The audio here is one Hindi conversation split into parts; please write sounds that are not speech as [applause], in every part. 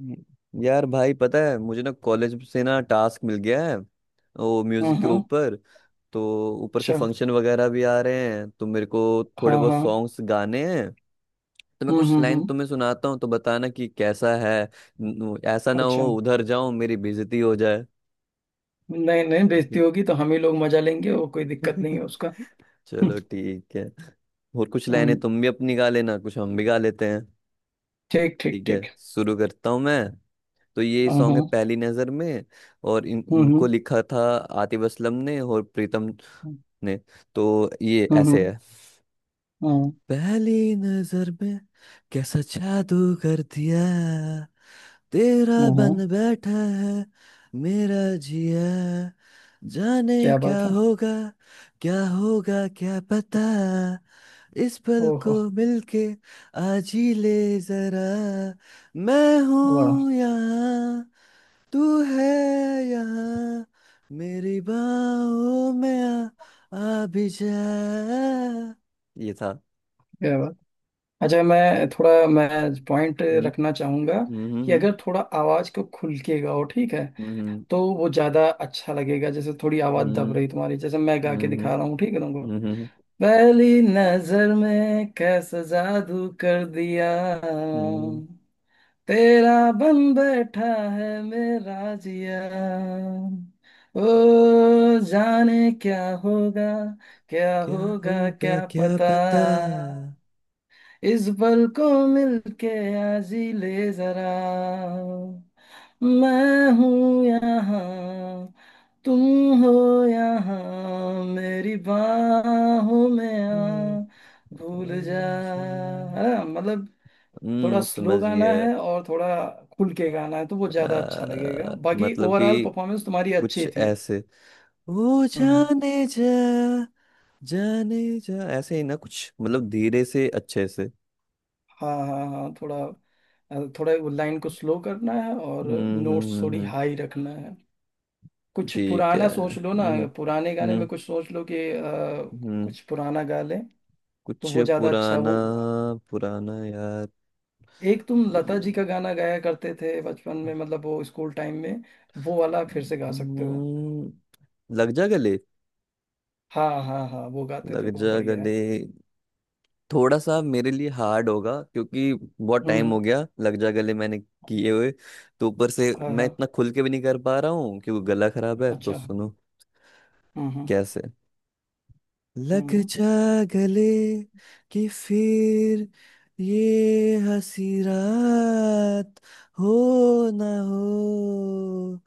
हम्म। यार भाई पता है मुझे ना कॉलेज से ना टास्क मिल गया है वो म्यूजिक के हम्म। ऊपर। तो ऊपर से अच्छा। फंक्शन वगैरह भी आ रहे हैं तो मेरे को थोड़े हाँ बहुत हाँ। सॉन्ग्स गाने हैं। तो मैं कुछ लाइन हम्म। तुम्हें सुनाता हूँ तो बताना कि कैसा है। ऐसा ना हो अच्छा। उधर जाऊं मेरी बेइज्जती हो जाए। नहीं नहीं, बेइज्जती ठीक होगी तो हम ही लोग मजा लेंगे, वो कोई दिक्कत नहीं है। है उसका। [laughs] हम्म चलो ठीक है। और कुछ हम्म, लाइनें तुम भी अपनी गा लेना, कुछ हम भी गा लेते हैं। ठीक ठीक ठीक है, ठीक। शुरू करता हूँ मैं। तो ये हाँ सॉन्ग है हाँ। पहली नजर में। और इन हम्म इनको हम्म लिखा था आतिफ असलम ने और प्रीतम ने। तो ये ऐसे हम्म है। हम्म पहली नजर में कैसा जादू कर दिया, तेरा हम्म। बन बैठा है मेरा जिया, जाने क्या क्या बात है। होगा, क्या होगा क्या पता, इस पल को ओहो। मिलके आज ही ले जरा, मैं वाह। हूं यहाँ, तू है यहाँ, मेरी बाहों में आ, आ भी जा। ये था। क्या बात। अच्छा, मैं पॉइंट हम्म रखना चाहूंगा हम्म कि हम्म अगर थोड़ा आवाज को खुल के गाओ, ठीक है? तो वो ज्यादा अच्छा लगेगा। जैसे थोड़ी आवाज दब हम्म रही तुम्हारी, जैसे मैं गा के हम्म दिखा रहा हूँ, ठीक है तुमको। हम्म पहली नजर में कैसा जादू कर दिया, हम्म। तेरा बन बैठा है मेरा जिया, ओ जाने क्या होगा, क्या क्या होगा होगा क्या क्या पता, पता। इस पल को मिलके आजी ले जरा, मैं हूँ यहाँ, तुम हो यहाँ मेरी बाहों में हम्म। आ, भूल जा। है ना? मतलब थोड़ा स्लो समझ गाना गया। है और थोड़ा खुल के गाना है, तो वो ज्यादा अच्छा लगेगा, बाकी मतलब ओवरऑल कि परफॉर्मेंस तुम्हारी कुछ अच्छी थी। ऐसे वो हम्म। जाने जा, जाने जा ऐसे ही ना कुछ, मतलब धीरे से अच्छे से। हाँ हाँ हाँ, थोड़ा थोड़ा वो लाइन को स्लो करना है और नोट्स थोड़ी हम्म। हाई रखना है। कुछ ठीक है। पुराना सोच लो ना। हम्म पुराने गाने में हम्म। कुछ सोच लो कि हम्म, कुछ पुराना गा ले, तो कुछ वो ज्यादा अच्छा है। पुराना। वो पुराना यार। एक तुम लता जी का हम्म, गाना गाया करते थे बचपन में, मतलब वो स्कूल टाइम में, वो वाला फिर से गा सकते हो। लग जा गले। हाँ हाँ हाँ, वो गाते थे, लग वो जा बढ़िया है। गले थोड़ा सा मेरे लिए हार्ड होगा क्योंकि बहुत टाइम हम्म हो गया लग जा गले मैंने हम्म। किए हुए। तो ऊपर से हाँ मैं हाँ। इतना खुल के भी नहीं कर पा रहा हूँ क्योंकि गला खराब है। तो अच्छा। सुनो। हम्म हम्म कैसे हम्म लग हम्म। जा गले कि फिर ये हंसी रात हो ना हो,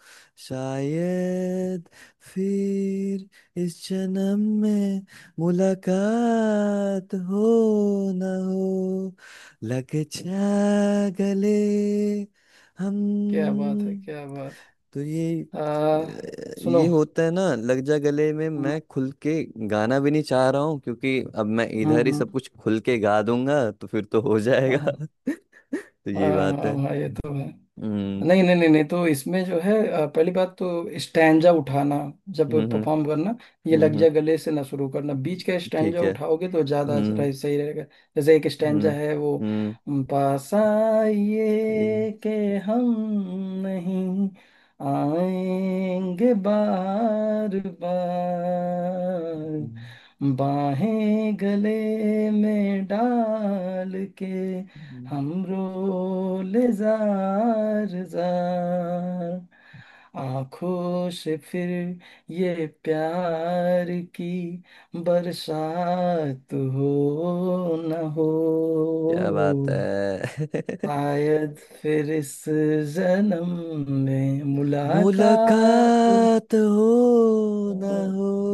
शायद फिर इस जन्म में मुलाकात हो ना हो, लग जा गले। हम। क्या बात है, क्या बात तो है। सुनो। ये होता है ना लग जा गले में। हम्म मैं खुल के गाना भी नहीं चाह रहा हूँ क्योंकि अब मैं इधर ही हम्म। सब कुछ खुल के गा दूंगा तो फिर तो हो हाँ जाएगा। हाँ [laughs] तो हाँ ये बात हाँ है। हाँ, ये तो है। हम्म नहीं नहीं नहीं नहीं, तो इसमें जो है पहली बात तो स्टैंजा उठाना जब हम्म हम्म परफॉर्म करना। ये लग हम्म, जा हम्म, गले से ना शुरू करना, बीच का ठीक स्टैंजा है। उठाओगे तो हम्म सही रहेगा। जैसे एक स्टैंजा हम्म है वो, हम्म। पास अरे, आइए के हम नहीं आएंगे बार बार, हम्म, बाहें गले में डाल के हम्म, हमरो ले जार जार, आंखों से फिर ये प्यार की बरसात हो न हो, क्या बात है। शायद फिर इस जन्म में [laughs] मुलाकात मुलाकात हो ना हो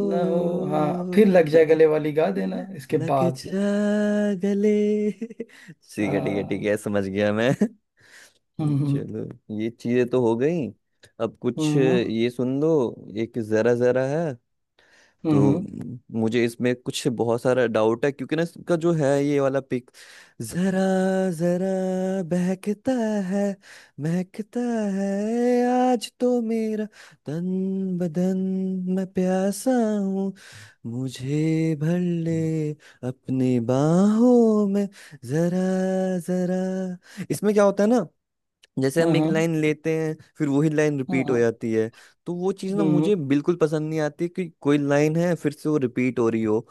न हो"। हाँ, फिर लग जाए गले [laughs] वाली गा देना इसके लग बाद। जा गले। ठीक है ठीक है ठीक आ, है, समझ गया मैं। हम्म चलो ये चीजें तो हो गई अब कुछ हम्म ये सुन दो। एक जरा जरा है। हम्म तो हम्म मुझे इसमें कुछ बहुत सारा डाउट है क्योंकि ना इसका जो है ये वाला पिक। जरा जरा बहकता है, महकता है आज तो मेरा तन बदन, मैं प्यासा हूँ, मुझे भर ले अपनी बाहों में। जरा जरा इसमें क्या होता है ना, जैसे हम्म हम एक हम्म, लाइन लेते हैं फिर वही लाइन रिपीट हो हम्म। जाती है। तो वो चीज़ ना हम्म मुझे बिल्कुल पसंद नहीं आती कि कोई लाइन है फिर से वो रिपीट हो रही हो।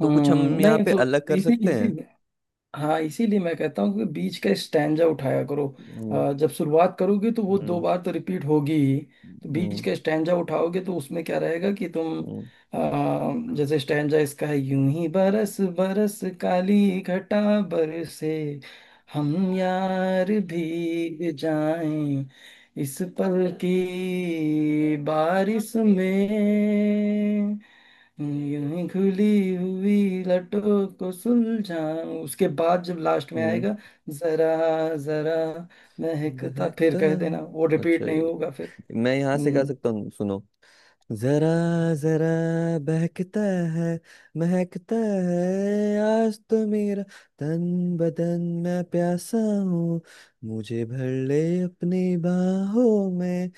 तो कुछ हम्म। हम यहाँ नहीं पे तो अलग कर इसी सकते इसी हैं। हाँ, इसीलिए मैं कहता हूँ कि बीच का स्टैंजा उठाया करो। हम्म जब शुरुआत करोगे तो वो दो हम्म बार तो रिपीट होगी ही, तो बीच हम्म का स्टैंजा उठाओगे तो उसमें क्या रहेगा कि तुम हम्म जैसे स्टैंजा इसका है, यूं ही बरस बरस काली घटा बरसे, हम यार भीग जाएं इस पल की बारिश में, यूं खुली हुई लटों को सुलझाऊं, उसके बाद जब लास्ट में हम्म, आएगा जरा जरा महकता, फिर बहकता। कह देना, वो अच्छा रिपीट नहीं होगा फिर। मैं यहाँ से गा हम्म सकता हूँ सुनो। जरा जरा बहकता है, महकता है आज तो मेरा तन बदन, मैं प्यासा हूँ, मुझे भर ले अपनी बाहों में।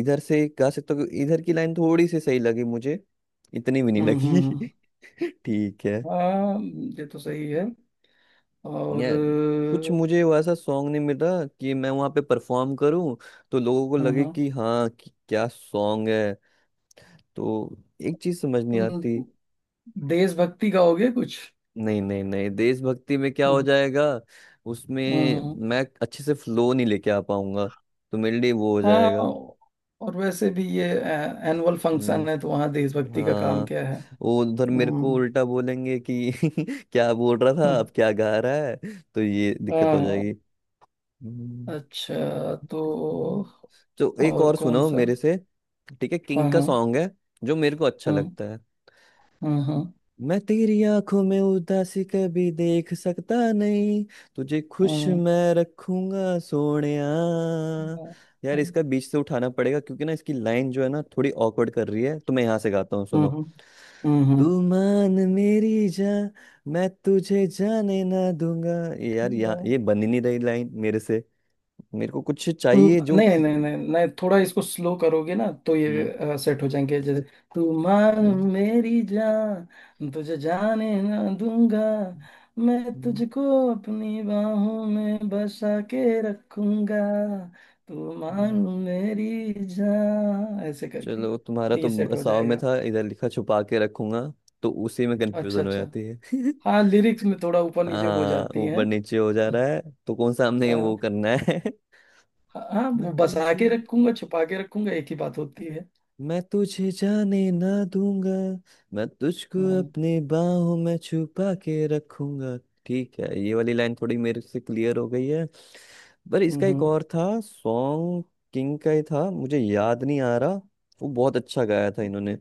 इधर से गा सकते हो, इधर की लाइन थोड़ी सी सही लगी मुझे। इतनी भी नहीं हम्म हम्म हम्म। लगी। [laughs] ठीक है। हाँ, ये तो सही है। और यार कुछ मुझे वैसा सॉन्ग नहीं मिला कि मैं वहाँ पे परफॉर्म करूँ तो लोगों को हाँ लगे हाँ, कि हाँ, कि क्या सॉन्ग है। तो एक चीज समझ नहीं तुम आती। देशभक्ति गाओगे कुछ? नहीं नहीं नहीं, देशभक्ति में क्या हो हम्म जाएगा। हम्म, उसमें हम्म। मैं अच्छे से फ्लो नहीं लेके आ पाऊंगा तो मेरे लिए वो हो हाँ, जाएगा। और वैसे भी ये एनुअल हम्म, फंक्शन है, तो वहाँ देशभक्ति का काम हाँ। क्या है? वो उधर मेरे को हम्म उल्टा बोलेंगे कि [laughs] क्या बोल रहा था हम्म। अब क्या गा रहा है। तो ये दिक्कत हाँ हो जाएगी। हाँ। हम्म, अच्छा, तो तो एक और और कौन सुनो सा? मेरे से। ठीक है, किंग हाँ का हाँ सॉन्ग है जो मेरे को अच्छा हाँ लगता है। हाँ हाँ मैं तेरी आंखों में उदासी कभी देख सकता नहीं, तुझे खुश हाँ मैं रखूंगा सोनिया। हाँ, यार हाँ, इसका बीच से उठाना पड़ेगा क्योंकि ना इसकी लाइन जो है ना थोड़ी ऑकवर्ड कर रही है। तो मैं यहाँ से गाता हूँ सुनो। हम्म तू हम्म। मान मेरी जा, मैं तुझे जाने ना दूंगा। ये यार, ठीक यहाँ है। ये बन ही नहीं रही लाइन मेरे से। मेरे को कुछ तू, चाहिए जो नहीं नहीं नहीं नहीं नहीं, थोड़ा इसको स्लो करोगे ना तो ये सेट हो जाएंगे, जैसे तू मान हम्म, मेरी जान, तुझे जाने ना दूंगा, हम्म, मैं हम्म, तुझको अपनी बाहों में बसा के रखूंगा, तू मान हम्म। मेरी जान, ऐसे करके चलो तुम्हारा तो तो ये सेट हो बसाव में जाएगा। था, इधर लिखा छुपा के रखूंगा। तो उसी में अच्छा कंफ्यूजन हो अच्छा। जाती है। [laughs] हाँ, लिरिक्स में थोड़ा ऊपर नीचे हो हाँ जाती ऊपर हैं। नीचे हो जा रहा है। तो कौन सा हमने अ, वो करना है। [laughs] हाँ हाँ, मैं वो बसा तुझे के रखूंगा, छुपा के रखूंगा, एक ही बात होती है। मैं तुझे जाने ना दूंगा, मैं तुझको हम्म अपने बाहों में छुपा के रखूंगा। ठीक है, ये वाली लाइन थोड़ी मेरे से क्लियर हो गई है। पर इसका एक हम्म और था सॉन्ग। किंग का ही था, मुझे याद नहीं आ रहा। वो बहुत अच्छा गाया था इन्होंने।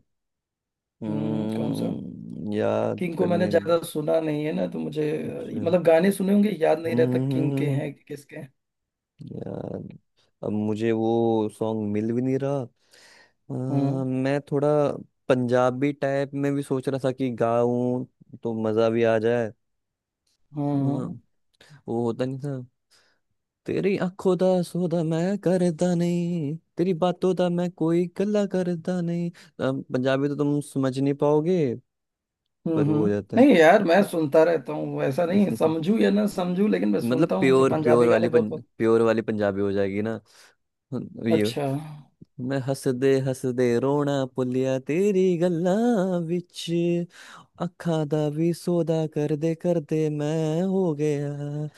कौन सा? हम्म, याद किंग को मैंने करने। ज्यादा सुना नहीं है ना, तो मुझे अच्छा मतलब गाने सुने होंगे, याद नहीं रहता हम्म, किंग के हम्म, हैं कि किसके हैं। याद। अब मुझे वो सॉन्ग मिल भी नहीं रहा। हम्म अ, मैं थोड़ा पंजाबी टाइप में भी सोच रहा था कि गाऊं तो मजा भी आ जाए। हम्म वो होता नहीं था। तेरी आंखों दा सौदा मैं करदा नहीं, तेरी बातों दा मैं कोई गल्ला करदा नहीं। पंजाबी तो तुम समझ नहीं पाओगे, पर वो हो जाता नहीं यार, मैं सुनता रहता हूँ, ऐसा नहीं है। [laughs] समझू या ना समझू लेकिन मैं मतलब सुनता हूँ, मुझे प्योर प्योर पंजाबी गाने वाली बहुत बहुत प्योर वाली पंजाबी हो जाएगी ना। ये अच्छा। मैं हंस दे रोना पुलिया, तेरी गल्ला विच अखा दा भी सौदा कर दे कर दे, मैं हो गया।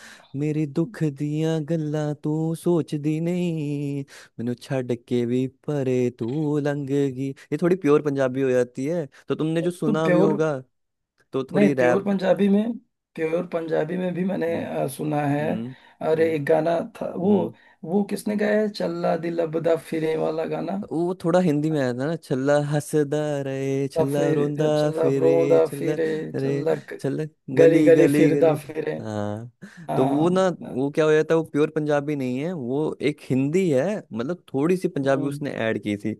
मेरी दुख दियां गल्ला तू सोचदी नहीं, मैनू छड़ के भी परे तू लंघ गई। ये थोड़ी प्योर पंजाबी हो जाती है, तो तुमने जो तो सुना भी प्योर होगा। तो नहीं, थोड़ी प्योर रैप। पंजाबी में, प्योर पंजाबी में भी मैंने हम्म सुना है। हम्म और हम्म एक गाना था हम्म। वो किसने गाया है, चल्ला दिल अबदा फिरे वाला गाना? वो थोड़ा हिंदी में आया था ना। छल्ला हंसदा रहे, और छल्ला रोंदा फिर चल्ला फिरे, रोंदा छल्ला फिरे, रे, चल्ला ग- छल्ला गली गली गली गली फिरदा गली। फिरे। हाँ। तो वो ना, हाँ। वो क्या हो जाता है, वो प्योर पंजाबी नहीं है वो, एक हिंदी है, मतलब थोड़ी सी पंजाबी हम्म, उसने ऐड की थी।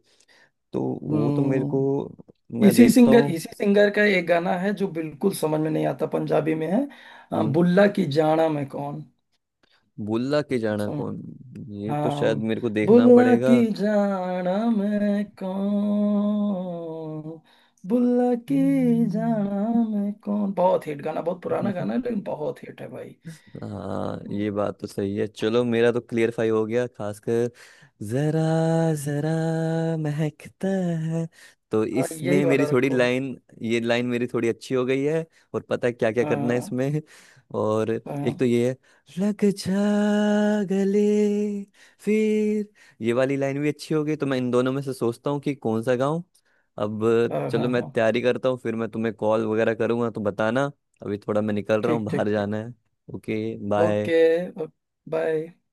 तो वो तो मेरे को, हम्म। मैं इसी देखता सिंगर हूँ। इसी सिंगर का एक गाना है जो बिल्कुल समझ में नहीं आता, पंजाबी में है। हम्म, बुल्ला की जाना में कौन। भुल्ला के जाना कौन? ये तो हम। शायद मेरे को देखना बुल्ला पड़ेगा। की जाना मैं कौन, बुल्ला की हम्म। जाना मैं कौन, बहुत हिट गाना, बहुत पुराना गाना [laughs] है लेकिन बहुत हिट है भाई। हाँ ये बात तो सही है। चलो मेरा तो क्लियरफाई हो गया, खासकर जरा जरा महकता है। तो हाँ, यही इसमें मेरी वाला थोड़ी रखो। लाइन, ये लाइन मेरी थोड़ी अच्छी हो गई है। और पता है क्या क्या करना है हाँ इसमें और। हाँ एक तो हाँ ये है लग जा गले। फिर ये वाली लाइन भी अच्छी हो गई, तो मैं इन दोनों में से सोचता हूँ कि कौन सा गाऊं अब। हाँ चलो हाँ मैं हाँ, तैयारी करता हूँ फिर मैं तुम्हें कॉल वगैरह करूंगा तो बताना। अभी थोड़ा मैं निकल रहा हूँ, ठीक बाहर ठीक ठीक। जाना है। Okay, okay. बाय। बाय।